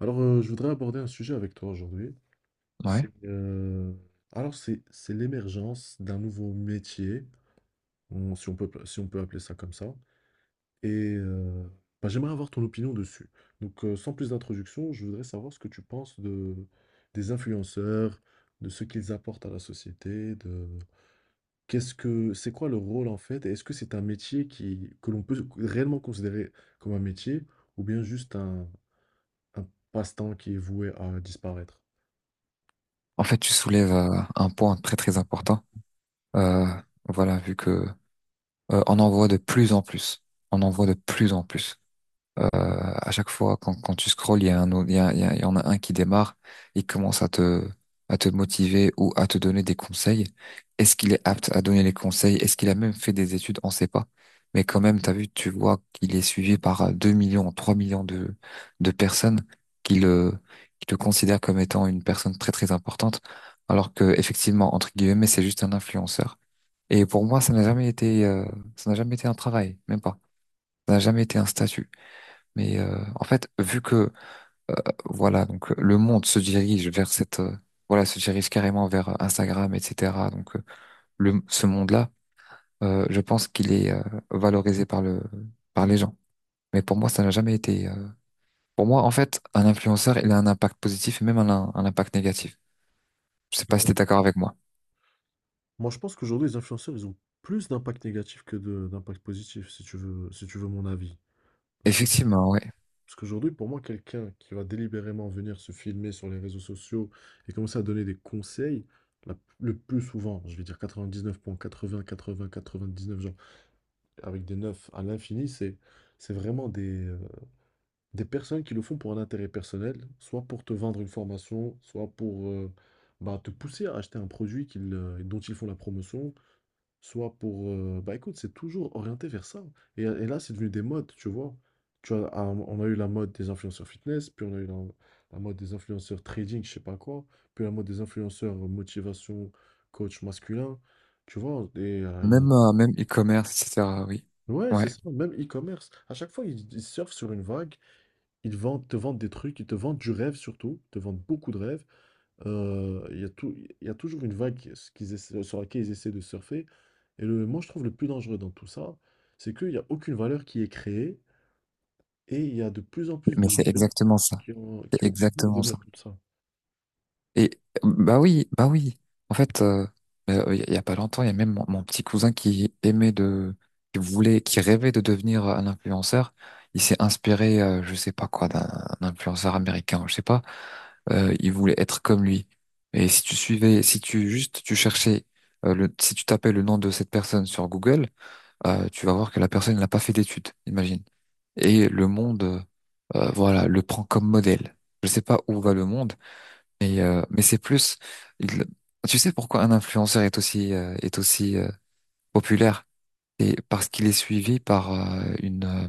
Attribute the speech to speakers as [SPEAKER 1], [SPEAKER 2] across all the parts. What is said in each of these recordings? [SPEAKER 1] Je voudrais aborder un sujet avec toi aujourd'hui.
[SPEAKER 2] Ouais.
[SPEAKER 1] C'est alors c'est l'émergence d'un nouveau métier, si on peut appeler ça comme ça. Et euh, J'aimerais avoir ton opinion dessus. Donc, sans plus d'introduction, je voudrais savoir ce que tu penses de des influenceurs, de ce qu'ils apportent à la société, de qu'est-ce que c'est quoi le rôle en fait, et est-ce que c'est un métier qui que l'on peut réellement considérer comme un métier ou bien juste un passe-temps qui est voué à disparaître?
[SPEAKER 2] En fait, tu soulèves un point très très important. Euh, voilà, vu que on en voit de plus en plus. On en voit de plus en plus. À chaque fois, quand tu scrolles, il y en a un qui démarre, il commence à te motiver ou à te donner des conseils. Est-ce qu'il est apte à donner les conseils? Est-ce qu'il a même fait des études? On sait pas. Mais quand même, t'as vu, tu vois qu'il est suivi par 2 millions, 3 millions de personnes qui le, qui le considèrent comme étant une personne très, très importante. Alors que, effectivement, entre guillemets, c'est juste un influenceur. Et pour moi, ça n'a jamais été un travail, même pas. Ça n'a jamais été un statut. Mais en fait, vu que voilà, donc le monde se dirige vers cette voilà, se dirige carrément vers Instagram, etc. Donc le ce monde-là, je pense qu'il est valorisé par les gens. Mais pour moi, ça n'a jamais été. Pour moi, en fait, un influenceur, il a un impact positif et même un impact négatif. Je sais pas si t'es d'accord avec moi.
[SPEAKER 1] Moi, je pense qu'aujourd'hui, les influenceurs, ils ont plus d'impact négatif que de d'impact positif, si tu veux, si tu veux mon avis. Parce que,
[SPEAKER 2] Effectivement, ouais.
[SPEAKER 1] parce qu'aujourd'hui, pour moi, quelqu'un qui va délibérément venir se filmer sur les réseaux sociaux et commencer à donner des conseils, le plus souvent, je vais dire 99.80, 80, 99, genre, avec des 9 à l'infini, c'est vraiment des personnes qui le font pour un intérêt personnel, soit pour te vendre une formation, soit pour te pousser à acheter un produit dont ils font la promotion soit Bah écoute, c'est toujours orienté vers ça, hein. Et là, c'est devenu des modes, tu vois. Tu vois, on a eu la mode des influenceurs fitness, puis on a eu la mode des influenceurs trading, je sais pas quoi, puis la mode des influenceurs motivation, coach masculin, tu vois. Et, il y en a-
[SPEAKER 2] Même e-commerce, etc. Oui.
[SPEAKER 1] Ouais, c'est
[SPEAKER 2] Ouais.
[SPEAKER 1] ça, même e-commerce. À chaque fois, ils surfent sur une vague, te vendent des trucs, ils te vendent du rêve surtout, ils te vendent beaucoup de rêves. Il y a toujours une vague s qu'ils essaient sur laquelle ils essaient de surfer et le moi, je trouve le plus dangereux dans tout ça, c'est qu'il y a aucune valeur qui est créée et il y a de plus en plus
[SPEAKER 2] Mais
[SPEAKER 1] de
[SPEAKER 2] c'est
[SPEAKER 1] jeunes
[SPEAKER 2] exactement ça. C'est
[SPEAKER 1] qui ont envie de
[SPEAKER 2] exactement
[SPEAKER 1] devenir
[SPEAKER 2] ça.
[SPEAKER 1] comme ça.
[SPEAKER 2] Et bah oui, bah oui. En fait, il y a pas longtemps, il y a même mon petit cousin qui aimait de, qui voulait, qui rêvait de devenir un influenceur. Il s'est inspiré, je sais pas quoi, d'un influenceur américain, je sais pas. Il voulait être comme lui. Et si tu juste tu cherchais, le, si tu tapais le nom de cette personne sur Google, tu vas voir que la personne n'a pas fait d'études, imagine. Et le monde, voilà, le prend comme modèle. Je sais pas où va le monde. Mais, euh, mais c'est plus, il- tu sais pourquoi un influenceur est est aussi populaire? C'est parce qu'il est suivi par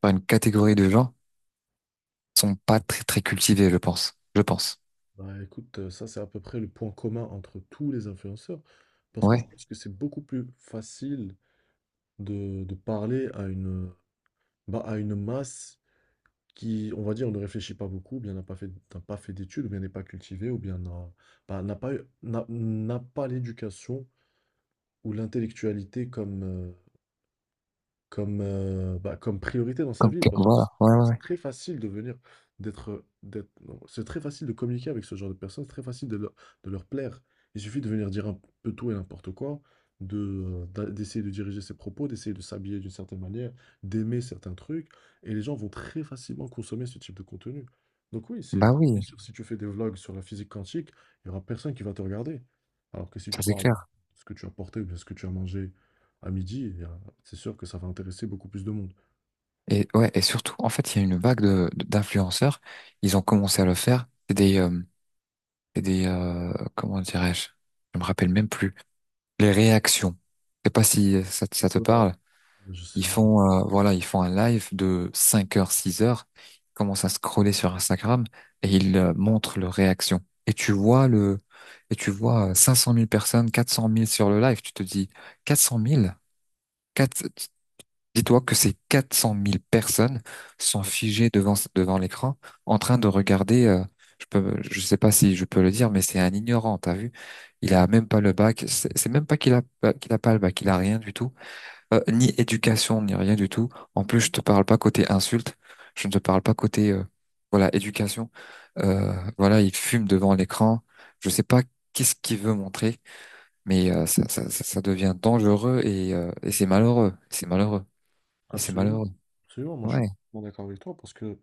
[SPEAKER 2] par une catégorie de gens qui sont pas très, très cultivés, je pense. Je pense.
[SPEAKER 1] Bah, écoute, ça, c'est à peu près le point commun entre tous les influenceurs parce que je
[SPEAKER 2] Ouais.
[SPEAKER 1] pense que c'est beaucoup plus facile de parler à à une masse qui, on va dire, ne réfléchit pas beaucoup, ou bien n'a pas fait d'études, ou bien n'est pas cultivé, ou bien n'a pas, n'a pas l'éducation ou l'intellectualité comme priorité dans sa
[SPEAKER 2] Comme
[SPEAKER 1] vie
[SPEAKER 2] que-
[SPEAKER 1] parce que
[SPEAKER 2] voilà. Ouais, ouais,
[SPEAKER 1] c'est
[SPEAKER 2] ouais.
[SPEAKER 1] très facile de venir d'être, d'être non, c'est très facile de communiquer avec ce genre de personnes, c'est très facile de leur plaire. Il suffit de venir dire un peu tout et n'importe quoi, de, d'a d'essayer de diriger ses propos, d'essayer de s'habiller d'une certaine manière, d'aimer certains trucs et les gens vont très facilement consommer ce type de contenu. Donc oui, c'est Mmh
[SPEAKER 2] Bah
[SPEAKER 1] bien
[SPEAKER 2] oui,
[SPEAKER 1] sûr, si tu fais des vlogs sur la physique quantique, il y aura personne qui va te regarder. Alors que si tu
[SPEAKER 2] ça c'est
[SPEAKER 1] parles de
[SPEAKER 2] clair.
[SPEAKER 1] ce que tu as porté ou bien ce que tu as mangé à midi, c'est sûr que ça va intéresser beaucoup plus de monde.
[SPEAKER 2] Et ouais, et surtout, en fait, il y a une vague d'influenceurs. Ils ont commencé à le faire. Comment dirais-je? Je me rappelle même plus. Les réactions. Je sais pas si ça te
[SPEAKER 1] Ouais,
[SPEAKER 2] parle.
[SPEAKER 1] je sais,
[SPEAKER 2] Ils
[SPEAKER 1] je-
[SPEAKER 2] font, euh, voilà, ils font un live de 5 heures, 6 heures, ils commencent à scroller sur Instagram et ils montrent leur réaction. Et et tu vois cinq cent mille personnes, quatre cent mille sur le live, tu te dis quatre cent mille. Quatre- dis-toi que ces quatre cent mille personnes sont
[SPEAKER 1] ouais,
[SPEAKER 2] figées devant l'écran en train de regarder, je sais pas si je peux le dire, mais c'est un ignorant, t'as vu? Il
[SPEAKER 1] ouais.
[SPEAKER 2] a même pas le bac, c'est même pas qu'il a pas le bac, il a rien du tout. Ni éducation, ni rien du tout. En plus, je te parle pas côté insulte. Je ne te parle pas côté, voilà, éducation. Voilà, il fume devant l'écran. Je sais pas qu'est-ce qu'il veut montrer, mais ça devient dangereux et c'est malheureux. C'est malheureux. Et c'est
[SPEAKER 1] Absolument.
[SPEAKER 2] malheureux.
[SPEAKER 1] Absolument, moi je suis
[SPEAKER 2] Ouais,
[SPEAKER 1] complètement d'accord avec toi parce que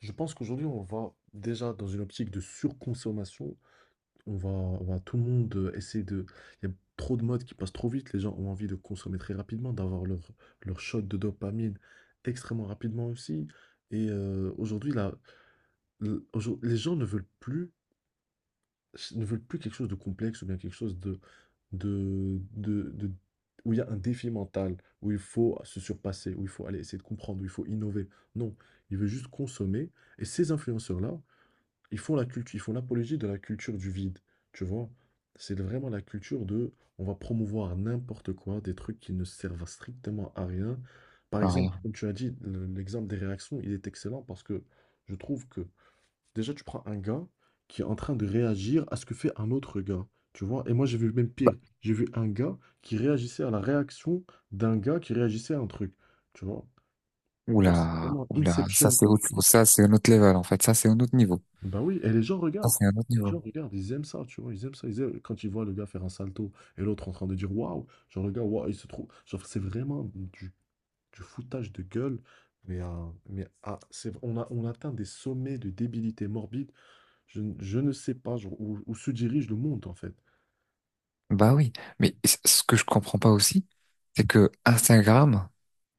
[SPEAKER 1] je pense qu'aujourd'hui on va déjà dans une optique de surconsommation. On va tout le monde essayer de. Il y a trop de modes qui passent trop vite. Les gens ont envie de consommer très rapidement, d'avoir leur shot de dopamine extrêmement rapidement aussi. Et aujourd'hui, là, les gens ne veulent plus. Ne veulent plus quelque chose de complexe ou bien quelque chose de- où il y a un défi mental, où il faut se surpasser, où il faut aller essayer de comprendre, où il faut innover. Non, ils veulent juste consommer. Et ces influenceurs-là, ils font l'apologie de la culture du vide. Tu vois? C'est vraiment la culture de on va promouvoir n'importe quoi, des trucs qui ne servent strictement à rien. Par
[SPEAKER 2] non, rien.
[SPEAKER 1] exemple, comme tu as dit, l'exemple des réactions, il est excellent parce que je trouve que déjà, tu prends un gars qui est en train de réagir à ce que fait un autre gars. Tu vois? Et moi, j'ai vu même pire. J'ai vu un gars qui réagissait à la réaction d'un gars qui réagissait à un truc. Tu vois? Genre, c'est
[SPEAKER 2] Oula,
[SPEAKER 1] vraiment
[SPEAKER 2] oula, ça
[SPEAKER 1] Inception,
[SPEAKER 2] c'est
[SPEAKER 1] la
[SPEAKER 2] autre chose.
[SPEAKER 1] suite.
[SPEAKER 2] Ça c'est un autre level en fait. Ça c'est un autre niveau.
[SPEAKER 1] Bah oui, et les gens
[SPEAKER 2] Ça
[SPEAKER 1] regardent.
[SPEAKER 2] c'est un autre
[SPEAKER 1] Les
[SPEAKER 2] niveau.
[SPEAKER 1] gens regardent, ils aiment ça, tu vois, ils aiment ça. Quand ils voient le gars faire un salto et l'autre en train de dire waouh, genre le gars, waouh, il se trouve. Genre, du foutage de gueule. On atteint des sommets de débilité morbide. Je ne sais pas genre, où se dirige le monde en fait.
[SPEAKER 2] Bah oui, mais ce que je comprends pas aussi, c'est que Instagram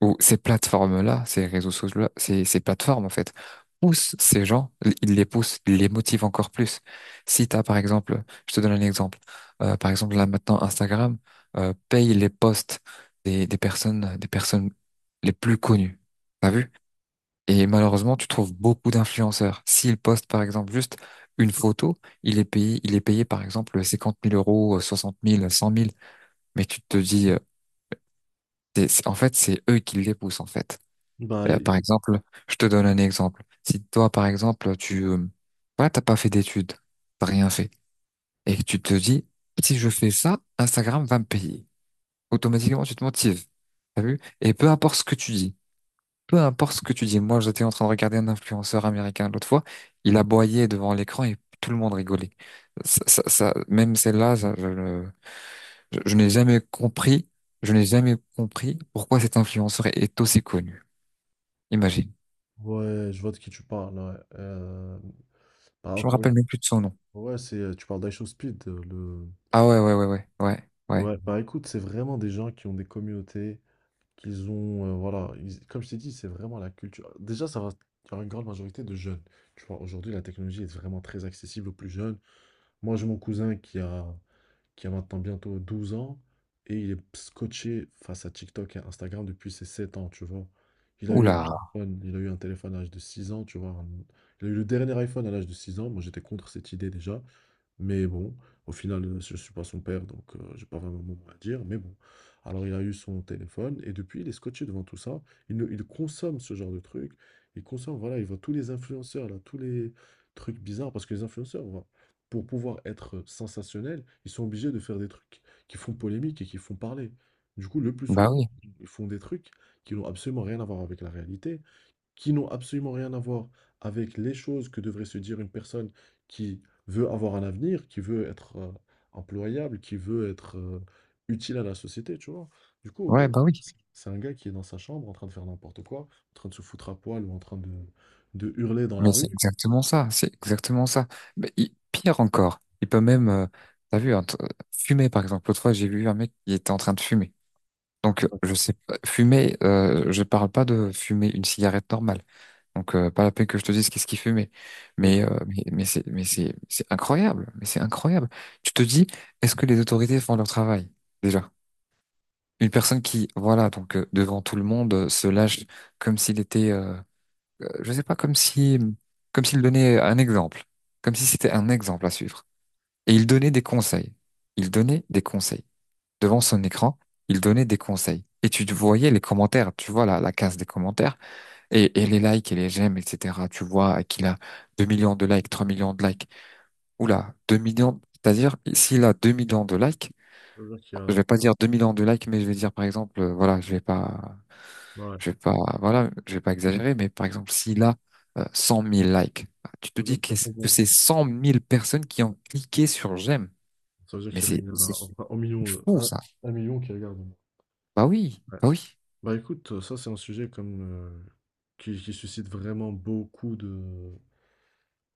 [SPEAKER 2] où ces plateformes-là, ces réseaux sociaux-là, ces plateformes, en fait, poussent ces gens, ils les poussent, ils les motivent encore plus. Si t'as, par exemple, je te donne un exemple, par exemple, là maintenant, Instagram, paye les posts des personnes les plus connues. T'as vu? Et malheureusement, tu trouves beaucoup d'influenceurs. S'ils postent, par exemple, juste une photo, il est payé, par exemple, 50 000 euros, 60 000, 100 000. Mais tu te dis, en fait, c'est eux qui les poussent, en fait.
[SPEAKER 1] Bah,
[SPEAKER 2] Euh,
[SPEAKER 1] et-
[SPEAKER 2] par exemple, je te donne un exemple. Si toi, par exemple, voilà, t'as pas fait d'études, t'as rien fait, et que tu te dis, si je fais ça, Instagram va me payer. Automatiquement, tu te motives. T'as vu? Et peu importe ce que tu dis, peu importe ce que tu dis. Moi, j'étais en train de regarder un influenceur américain l'autre fois, il aboyait devant l'écran et tout le monde rigolait. Même celle-là, ça, je, le- je n'ai jamais compris, je n'ai jamais compris pourquoi cet influenceur est aussi connu. Imagine.
[SPEAKER 1] Ouais, je vois de qui tu parles, ouais. Bah,
[SPEAKER 2] Je me
[SPEAKER 1] encore une
[SPEAKER 2] rappelle même plus de son nom.
[SPEAKER 1] Ouais, tu parles d'Aisho Speed. Le...
[SPEAKER 2] Ah ouais, ouais, ouais, ouais, ouais, ouais.
[SPEAKER 1] Ouais, bah écoute, c'est vraiment des gens qui ont des communautés, voilà, comme je t'ai dit, c'est vraiment la culture. Déjà, ça va, il y aura une grande majorité de jeunes. Tu vois, aujourd'hui, la technologie est vraiment très accessible aux plus jeunes. Moi, j'ai mon cousin qui a maintenant bientôt 12 ans, et il est scotché face à TikTok et Instagram depuis ses 7 ans, tu vois. Il a eu un Mhm.
[SPEAKER 2] Oula,
[SPEAKER 1] téléphone, il a eu un téléphone à l'âge de 6 ans, tu vois. Il a eu le dernier iPhone à l'âge de 6 ans. Moi, j'étais contre cette idée déjà. Mais bon, au final, je ne suis pas son père, donc j'ai pas vraiment mon mot à dire. Mais bon. Alors il a eu son téléphone et depuis, il est scotché devant tout ça. Il, ne- Il consomme ce genre de trucs. Il consomme, voilà, il voit tous les influenceurs, là, tous les trucs bizarres. Parce que les influenceurs, voilà, pour pouvoir être sensationnels, ils sont obligés de faire des trucs qui font polémique et qui font parler. Du coup, le plus
[SPEAKER 2] bah
[SPEAKER 1] souvent,
[SPEAKER 2] oui,
[SPEAKER 1] ils font des trucs qui n'ont absolument rien à voir avec la réalité, qui n'ont absolument rien à voir avec les choses que devrait se dire une personne qui veut avoir un avenir, qui veut être employable, qui veut être utile à la société, tu vois. Du coup,
[SPEAKER 2] ouais, bah oui.
[SPEAKER 1] c'est un gars qui est dans sa chambre en train de faire n'importe quoi, en train de se foutre à poil ou en train de hurler dans
[SPEAKER 2] Mais
[SPEAKER 1] la
[SPEAKER 2] c'est
[SPEAKER 1] rue.
[SPEAKER 2] exactement ça, c'est exactement ça. Mais pire encore, il peut même, t'as vu, hein, fumer par exemple. L'autre fois, j'ai vu un mec qui était en train de fumer. Donc, je sais pas, fumer, je parle pas de fumer une cigarette normale. Donc, pas la peine que je te dise qu'est-ce qu'il fumait. Mais,
[SPEAKER 1] D'accord.
[SPEAKER 2] euh, mais, mais c'est, mais c'est, c'est incroyable, mais c'est incroyable. Tu te dis, est-ce que les autorités font leur travail, déjà? Une personne qui, voilà, devant tout le monde, se lâche comme s'il était, je sais pas, comme si, comme s'il donnait un exemple, comme si c'était un exemple à suivre. Et il donnait des conseils. Il donnait des conseils. Devant
[SPEAKER 1] Ça
[SPEAKER 2] son écran, il donnait des conseils. Et tu voyais les commentaires, tu vois la case des commentaires, et les likes et les j'aime, etc. Tu vois qu'il a 2 millions de likes, 3 millions de likes. Oula, 2 millions, c'est-à-dire, s'il a 2 millions de likes,
[SPEAKER 1] veut dire qu'il y
[SPEAKER 2] je
[SPEAKER 1] a...
[SPEAKER 2] vais pas dire deux millions de likes, mais je vais dire, par exemple, voilà, je vais pas
[SPEAKER 1] ouais.
[SPEAKER 2] Je vais pas, voilà, je vais pas exagérer, mais par exemple, s'il a 100 000 likes, bah, tu te
[SPEAKER 1] Ça veut dire
[SPEAKER 2] dis
[SPEAKER 1] qu'il y a
[SPEAKER 2] que
[SPEAKER 1] au
[SPEAKER 2] c'est que
[SPEAKER 1] moins-
[SPEAKER 2] c'est 100 000 personnes qui ont cliqué sur j'aime.
[SPEAKER 1] Ça veut dire
[SPEAKER 2] Mais
[SPEAKER 1] qu'il y a
[SPEAKER 2] c'est,
[SPEAKER 1] une-
[SPEAKER 2] c'est
[SPEAKER 1] là, enfin, un million, de-
[SPEAKER 2] fou,
[SPEAKER 1] un,
[SPEAKER 2] ça.
[SPEAKER 1] 1 million qui regarde. Ouais.
[SPEAKER 2] Bah oui,
[SPEAKER 1] Bah écoute, ça c'est un sujet comme qui suscite vraiment beaucoup de,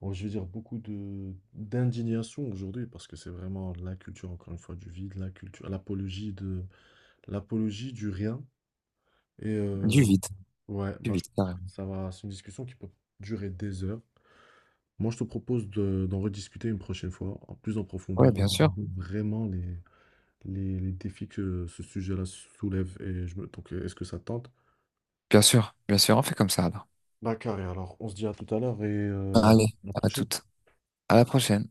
[SPEAKER 1] bon, je veux dire beaucoup de d'indignation aujourd'hui parce que c'est vraiment la culture, encore une fois, du vide, la culture, l'apologie du rien. Et
[SPEAKER 2] du vide,
[SPEAKER 1] ouais,
[SPEAKER 2] du
[SPEAKER 1] bah, je
[SPEAKER 2] vide,
[SPEAKER 1] pense que
[SPEAKER 2] carrément.
[SPEAKER 1] ça va, c'est une discussion qui peut durer des heures. Moi, je te propose d'en rediscuter une prochaine fois, en plus en
[SPEAKER 2] Ouais,
[SPEAKER 1] profondeur,
[SPEAKER 2] bien
[SPEAKER 1] Oui.
[SPEAKER 2] sûr,
[SPEAKER 1] regarder vraiment les défis que ce sujet-là soulève. Et est-ce que ça te tente?
[SPEAKER 2] bien sûr, bien sûr, on fait comme ça, alors.
[SPEAKER 1] Bah, carré, alors, on se dit à tout à l'heure et
[SPEAKER 2] Allez,
[SPEAKER 1] à la
[SPEAKER 2] à
[SPEAKER 1] prochaine.
[SPEAKER 2] toute, à la prochaine.